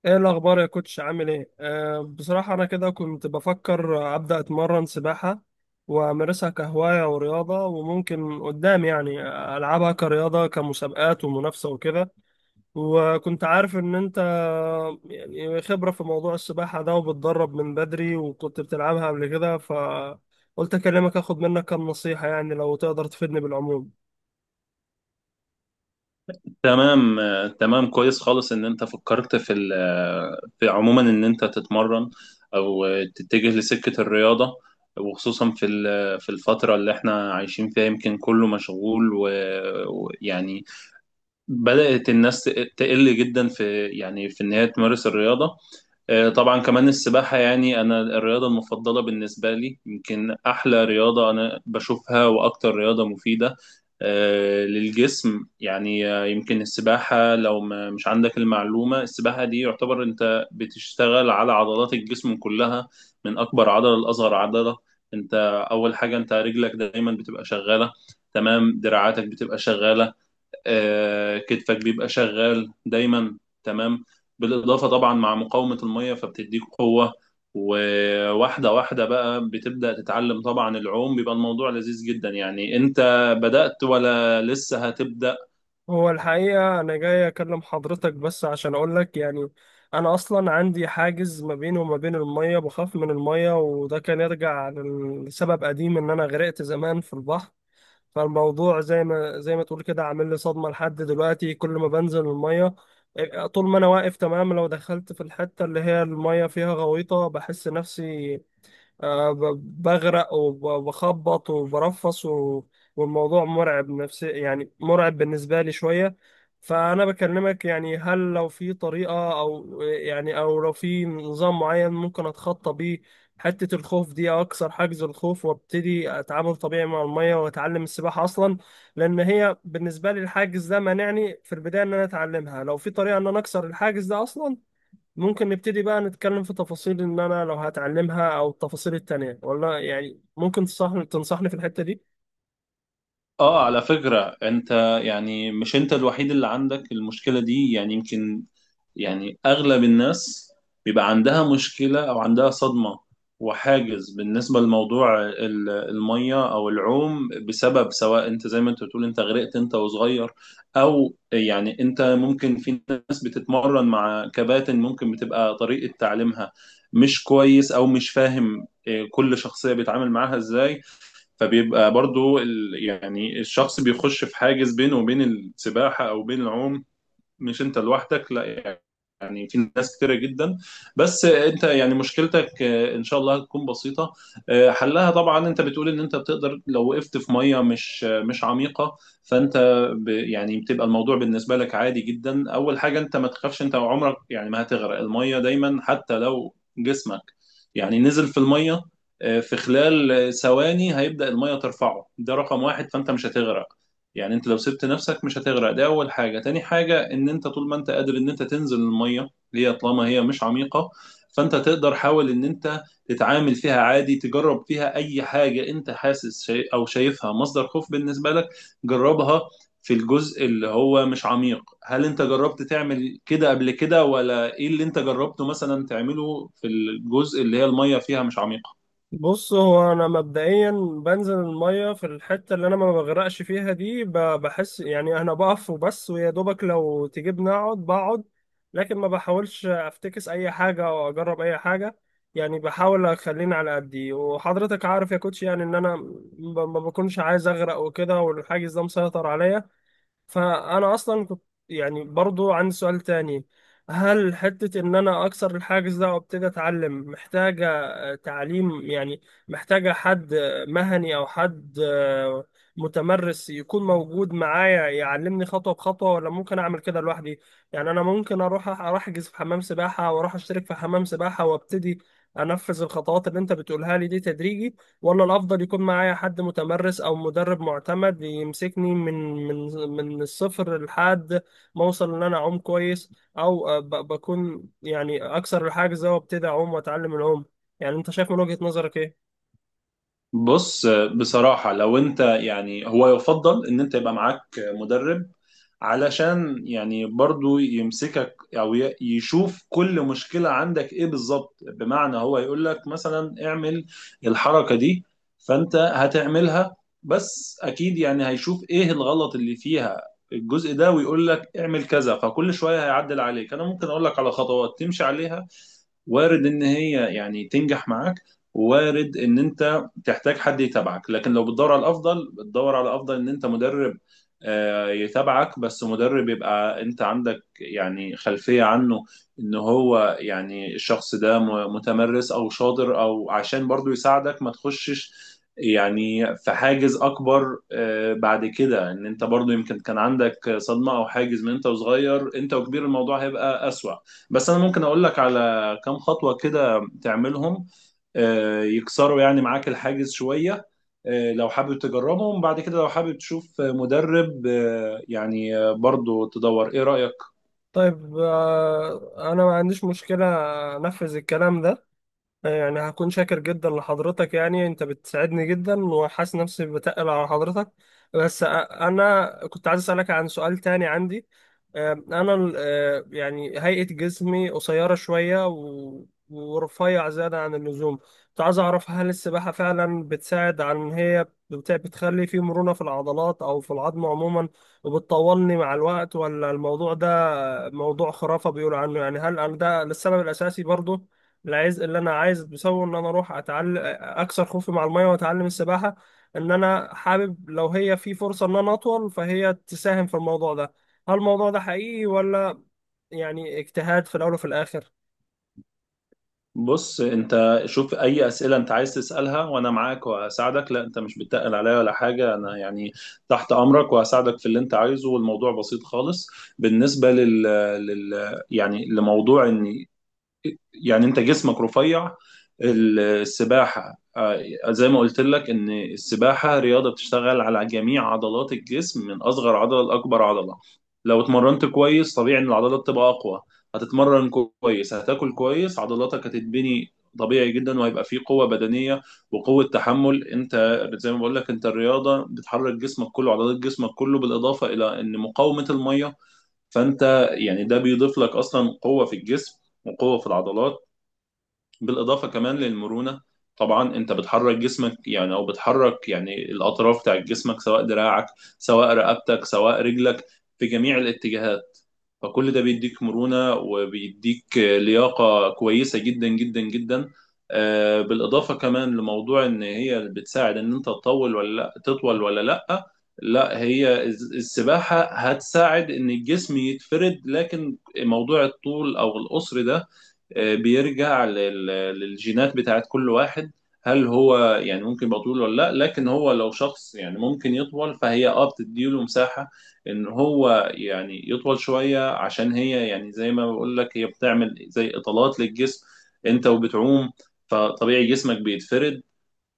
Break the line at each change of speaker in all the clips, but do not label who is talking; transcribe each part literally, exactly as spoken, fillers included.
ايه الاخبار يا كوتش؟ عامل ايه؟ أه بصراحه انا كده كنت بفكر ابدا اتمرن سباحه وامارسها كهوايه ورياضه، وممكن قدام يعني العبها كرياضه كمسابقات ومنافسه وكده. وكنت عارف ان انت يعني خبره في موضوع السباحه ده، وبتدرب من بدري وكنت بتلعبها قبل كده، فقلت اكلمك اخد منك كام نصيحه، يعني لو تقدر تفيدني بالعموم.
تمام، آه، تمام، كويس خالص ان انت فكرت في ال- آه، في عموما ان انت تتمرن او آه، تتجه لسكة الرياضة، وخصوصا في ال- آه، في الفترة اللي احنا عايشين فيها، يمكن كله مشغول و- ويعني بدأت الناس تقل جدا في، يعني، في ان هي تمارس الرياضة. آه، طبعا كمان السباحة، يعني أنا الرياضة المفضلة بالنسبة لي، يمكن أحلى رياضة أنا بشوفها وأكتر رياضة مفيدة آه، للجسم. يعني آه، يمكن السباحة، لو ما مش عندك المعلومة، السباحة دي يعتبر أنت بتشتغل على عضلات الجسم كلها، من أكبر عضلة لأصغر عضلة. أنت أول حاجة أنت رجلك دايما بتبقى شغالة، تمام، دراعاتك بتبقى شغالة، آه، كتفك بيبقى شغال دايما، تمام. بالإضافة طبعا مع مقاومة المية فبتديك قوة. وواحدة واحدة بقى بتبدأ تتعلم، طبعا العوم بيبقى الموضوع لذيذ جدا. يعني انت بدأت ولا لسه هتبدأ؟
هو الحقيقة أنا جاي أكلم حضرتك بس عشان أقولك يعني أنا أصلا عندي حاجز ما بيني وما بين المية، بخاف من المية. وده كان يرجع لسبب قديم، إن أنا غرقت زمان في البحر. فالموضوع زي ما زي ما تقول كده عامل لي صدمة لحد دلوقتي. كل ما بنزل المية آه، طول ما أنا واقف تمام، لو دخلت في الحتة اللي هي المية فيها غويطة بحس نفسي آه، ب- بغرق وبخبط وبرفص و- والموضوع مرعب نفسي، يعني مرعب بالنسبة لي شوية. فأنا بكلمك يعني هل لو في طريقة، أو يعني أو لو في نظام معين ممكن أتخطى بيه حتة الخوف دي، أو أكسر حاجز الخوف وأبتدي أتعامل طبيعي مع المية وأتعلم السباحة أصلا؟ لأن هي بالنسبة لي الحاجز ده مانعني في البداية إن أنا أتعلمها. لو في طريقة إن أنا أكسر الحاجز ده أصلا ممكن نبتدي بقى نتكلم في تفاصيل ان انا لو هتعلمها او التفاصيل التانية، ولا يعني ممكن تصحني تنصحني في الحتة دي.
اه، على فكرة انت، يعني، مش انت الوحيد اللي عندك المشكلة دي. يعني يمكن، يعني، اغلب الناس بيبقى عندها مشكله او عندها صدمه وحاجز بالنسبه لموضوع ال- الميه او العوم، بسبب، سواء انت زي ما انت بتقول انت غرقت انت وصغير، او يعني انت ممكن، في ناس بتتمرن مع كباتن ممكن بتبقى طريقه تعليمها مش كويس او مش فاهم إيه، كل شخصيه بيتعامل معاها ازاي. فبيبقى برضو ال- يعني الشخص بيخش في حاجز بينه وبين السباحه او بين العوم. مش انت لوحدك، لا يعني، يعني في ناس كتيرة جدا. بس انت، يعني، مشكلتك آه، ان شاء الله هتكون بسيطة. آه، حلها، طبعا انت بتقول ان انت بتقدر لو وقفت في مية مش آه، مش عميقة، فانت، ب يعني بتبقى الموضوع بالنسبة لك عادي جدا. اول حاجة، انت ما تخافش، انت عمرك، يعني، ما هتغرق. المية دايما حتى لو جسمك، يعني، نزل في المية، آه، في خلال ثواني هيبدأ المية ترفعه، ده رقم واحد فانت مش هتغرق. يعني انت لو سبت نفسك مش هتغرق، دي اول حاجة. تاني حاجة ان انت طول ما انت قادر ان انت تنزل المية، اللي هي طالما هي مش عميقة، فانت تقدر، حاول ان انت تتعامل فيها عادي، تجرب فيها اي حاجة انت حاسس شي او شايفها مصدر خوف بالنسبة لك، جربها في الجزء اللي هو مش عميق. هل انت جربت تعمل كده قبل كده ولا ايه اللي انت جربته مثلا تعمله في الجزء اللي هي المية فيها مش عميقة؟
بص، هو انا مبدئيا بنزل المية في الحتة اللي انا ما بغرقش فيها دي، ب- بحس يعني انا بقف وبس، ويا دوبك لو تجيبني اقعد بقعد. لكن ما بحاولش افتكس اي حاجة او اجرب اي حاجة، يعني بحاول اخليني على قدي. وحضرتك عارف يا كوتش يعني ان انا ب- ما بكونش عايز اغرق وكده، والحاجز ده مسيطر عليا. فانا اصلا كنت يعني برضو عندي سؤال تاني، هل حتة ان انا اكسر الحاجز ده وابتدي اتعلم محتاجة آه، تعليم؟ يعني محتاجة حد آه، مهني او حد آه، متمرس يكون موجود معايا يعلمني خطوة بخطوة، ولا ممكن اعمل كده لوحدي؟ يعني انا ممكن اروح اروح احجز في حمام سباحة، واروح اشترك في حمام سباحة وابتدي انفذ الخطوات اللي انت بتقولها لي دي تدريجي، ولا الأفضل يكون معايا حد متمرس أو مدرب معتمد يمسكني من من من الصفر لحد ما أوصل إن أنا أعوم كويس؟ أو آه، ب- بكون يعني أكسر الحاجز ده وأبتدي أعوم وأتعلم العوم. يعني أنت شايف من وجهة نظرك إيه؟
بص، بصراحة، لو انت، يعني، هو يفضل ان انت يبقى معاك مدرب، علشان يعني برضو يمسكك او ي- يشوف كل مشكلة عندك ايه بالظبط. بمعنى هو يقول لك مثلا اعمل الحركة دي، فانت هتعملها، بس اكيد يعني هيشوف ايه الغلط اللي فيها الجزء ده ويقول لك اعمل كذا، فكل شوية هيعدل عليك. انا ممكن اقول لك على خطوات تمشي عليها، وارد ان هي، يعني، تنجح معاك، وارد ان انت تحتاج حد يتابعك. لكن لو بتدور على الافضل، بتدور على الافضل ان انت مدرب آه، يتابعك، بس مدرب يبقى انت عندك، يعني، خلفية عنه، ان هو، يعني، الشخص ده م- متمرس او شاطر، او عشان برضو يساعدك ما تخشش، يعني، في حاجز اكبر آه، بعد كده، ان انت برضو يمكن كان عندك صدمة او حاجز من انت وصغير، انت وكبير الموضوع هيبقى اسوأ. بس انا ممكن اقول لك على كام خطوة كده تعملهم آه، يكسروا يعني معاك الحاجز شوية. آه، لو حابب تجربهم، بعد كده لو حابب تشوف مدرب آه، يعني آه، برضو تدور. ايه رأيك؟
طيب آه، أنا ما عنديش مشكلة أنفذ الكلام ده، يعني هكون شاكر جدا لحضرتك. يعني انت بتساعدني جدا، وحاسس نفسي بتقل على حضرتك. بس أ- انا كنت عايز اسالك عن سؤال تاني عندي. أم، انا ال- أه، يعني هيئة جسمي قصيرة شوية و- ورفيع زيادة عن اللزوم. كنت عايز اعرف، هل السباحة فعلا بتساعد عن إن هي بت- بتخلي في مرونة في العضلات او في العظم عموما، وبتطولني مع الوقت؟ ولا الموضوع ده موضوع خرافة بيقولوا عنه يعني؟ هل ده السبب الاساسي برضو العايز اللي انا عايز بسوي ان انا اروح اتعلم اكسر خوفي مع الميه واتعلم السباحه؟ ان انا حابب لو هي في فرصه ان انا اطول فهي تساهم في الموضوع ده. هل الموضوع ده حقيقي، ولا يعني اجتهاد في الاول وفي الاخر؟
بص، انت شوف اي أسئلة انت عايز تسألها وانا معاك وهساعدك. لا انت مش بتقل عليا ولا حاجة، انا، يعني، تحت امرك وهساعدك في اللي انت عايزه، والموضوع بسيط خالص. بالنسبة لل, لل... يعني لموضوع ان، يعني، انت جسمك رفيع. السباحة، آه، زي ما قلت لك ان السباحة رياضة بتشتغل على جميع عضلات الجسم من اصغر عضلة لاكبر عضلة. لو اتمرنت كويس، طبيعي ان العضلات تبقى اقوى. هتتمرن كويس، هتاكل كويس، عضلاتك هتتبني طبيعي جدا، وهيبقى فيه قوة بدنية وقوة تحمل. انت زي ما بقول لك، انت الرياضة بتحرك جسمك كله، عضلات جسمك كله، بالاضافة الى ان مقاومة المية، فانت، يعني، ده بيضيف لك اصلا قوة في الجسم وقوة في العضلات. بالاضافه كمان للمرونه، طبعا انت بتحرك جسمك، يعني، او بتحرك، يعني، الاطراف بتاعت جسمك، سواء دراعك، سواء رقبتك، سواء رجلك، في جميع الاتجاهات. فكل ده بيديك مرونه وبيديك لياقه كويسه جدا جدا جدا. آه، بالاضافه كمان لموضوع ان هي بتساعد ان انت تطول ولا لا، تطول ولا لا، لا هي الز- السباحه هتساعد ان الجسم يتفرد، لكن موضوع الطول او القصر ده آه، بيرجع لل- للجينات بتاعت كل واحد. هل هو، يعني، ممكن يبقى طويل ولا لا؟ لكن هو لو شخص، يعني، ممكن يطول، فهي اه بتديله مساحة ان هو، يعني، يطول شوية، عشان هي، يعني، زي ما بقول لك، هي بتعمل زي اطالات للجسم. انت وبتعوم، فطبيعي جسمك بيتفرد.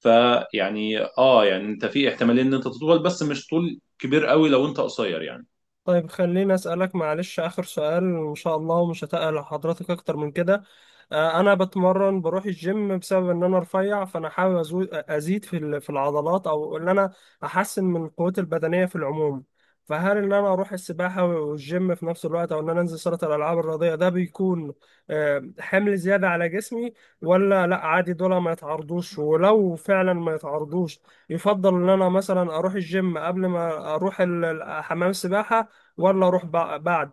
فيعني اه يعني انت في احتمالية ان انت تطول، بس مش طول كبير قوي لو انت قصير يعني.
طيب خليني أسألك معلش آخر سؤال إن شاء الله، ومش هتقل على حضرتك أكتر من كده. آه، أنا بتمرن بروح الجيم بسبب إن أنا رفيع، فأنا حابب أزو- أزيد في ال- في العضلات، أو إن أنا أحسن من قوتي البدنية في العموم. فهل إن أنا أروح السباحة والجيم في نفس الوقت، أو إن أنا أنزل صالة الألعاب الرياضية ده بيكون آه، حمل زيادة على جسمي؟ ولا لأ عادي دول ما يتعرضوش؟ ولو فعلا ما يتعرضوش، يفضل ان انا مثلا اروح الجيم قبل ما اروح ال- ال- حمام السباحه، ولا اروح بع- بعد؟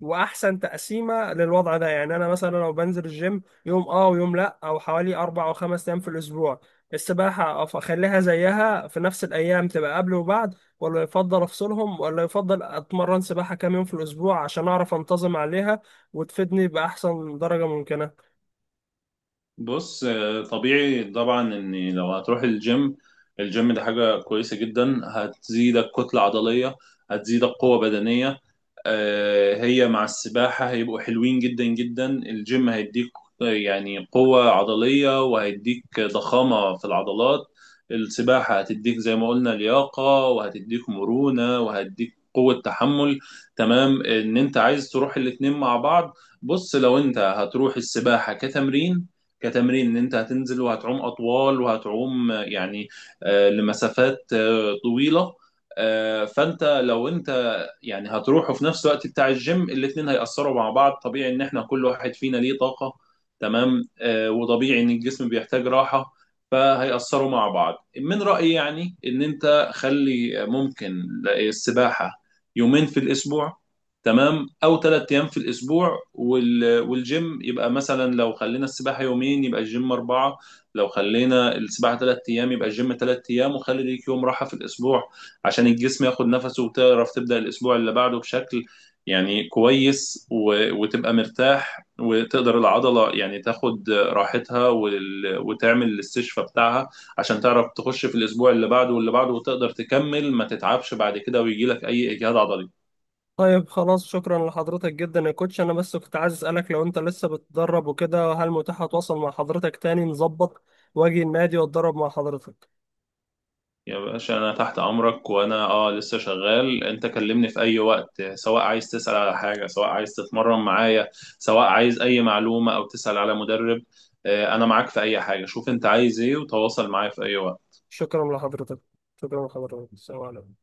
واحسن تقسيمه للوضع ده، يعني انا مثلا لو بنزل الجيم يوم اه ويوم لا، او حوالي اربع او خمس ايام في الاسبوع، السباحه أف- اخليها زيها في نفس الايام تبقى قبل وبعد، ولا يفضل افصلهم؟ ولا يفضل اتمرن سباحه كام يوم في الاسبوع عشان اعرف انتظم عليها وتفيدني باحسن درجه ممكنه؟
بص، آه، طبيعي طبعا ان لو هتروح الجيم، الجيم ده حاجة كويسة جدا، هتزيدك كتلة عضلية، هتزيدك قوة بدنية. آه، هي مع السباحة هيبقوا حلوين جدا جدا. الجيم هيديك آه، يعني قوة عضلية وهيديك ضخامة في العضلات. السباحة هتديك، زي ما قلنا، لياقة وهتديك مرونة وهتديك قوة تحمل. تمام، ان انت عايز تروح الاتنين مع بعض. بص، لو انت هتروح السباحة كتمرين، كتمرين ان انت هتنزل وهتعوم اطوال وهتعوم آه، يعني آه، لمسافات آه، طويلة، آه، فانت لو انت، يعني، هتروح وفي نفس الوقت بتاع الجيم، الاتنين هيأثروا مع بعض. طبيعي ان احنا كل واحد فينا ليه طاقة، تمام، آه وطبيعي ان الجسم بيحتاج راحة، فهيأثروا مع بعض. من رأيي، يعني، ان انت خلي ممكن السباحة يومين في الاسبوع، تمام، او ثلاث ايام في الاسبوع وال... والجيم يبقى مثلا، لو خلينا السباحه يومين يبقى الجيم اربعه، لو خلينا السباحه تلات ايام يبقى الجيم تلات ايام. وخلي ليك يوم راحه في الاسبوع، عشان الجسم ياخد نفسه، وتعرف تبدأ الأسبوع اللي بعده بشكل، يعني، كويس، و... وتبقى مرتاح وتقدر العضلة، يعني، تاخد راحتها، وال... وتعمل الاستشفاء بتاعها، عشان تعرف تخش في الأسبوع اللي بعده واللي بعده وتقدر تكمل ما تتعبش بعد كده ويجيلك أي إجهاد عضلي.
طيب خلاص، شكرا لحضرتك جدا يا كوتش. انا بس كنت عايز اسالك لو انت لسه بتتدرب وكده، هل متاح اتواصل مع حضرتك تاني نظبط واجي النادي واتدرب مع حضرتك؟
يا باشا، انا تحت امرك وانا، اه لسه شغال. انت كلمني في اي وقت، سواء عايز تسأل على حاجة، سواء عايز تتمرن معايا، سواء عايز اي معلومة او تسأل على مدرب. آه، انا معاك في اي حاجة، شوف انت عايز ايه وتواصل معايا في اي وقت.
شكرا لحضرتك. شكرا لحضرتك، السلام عليكم.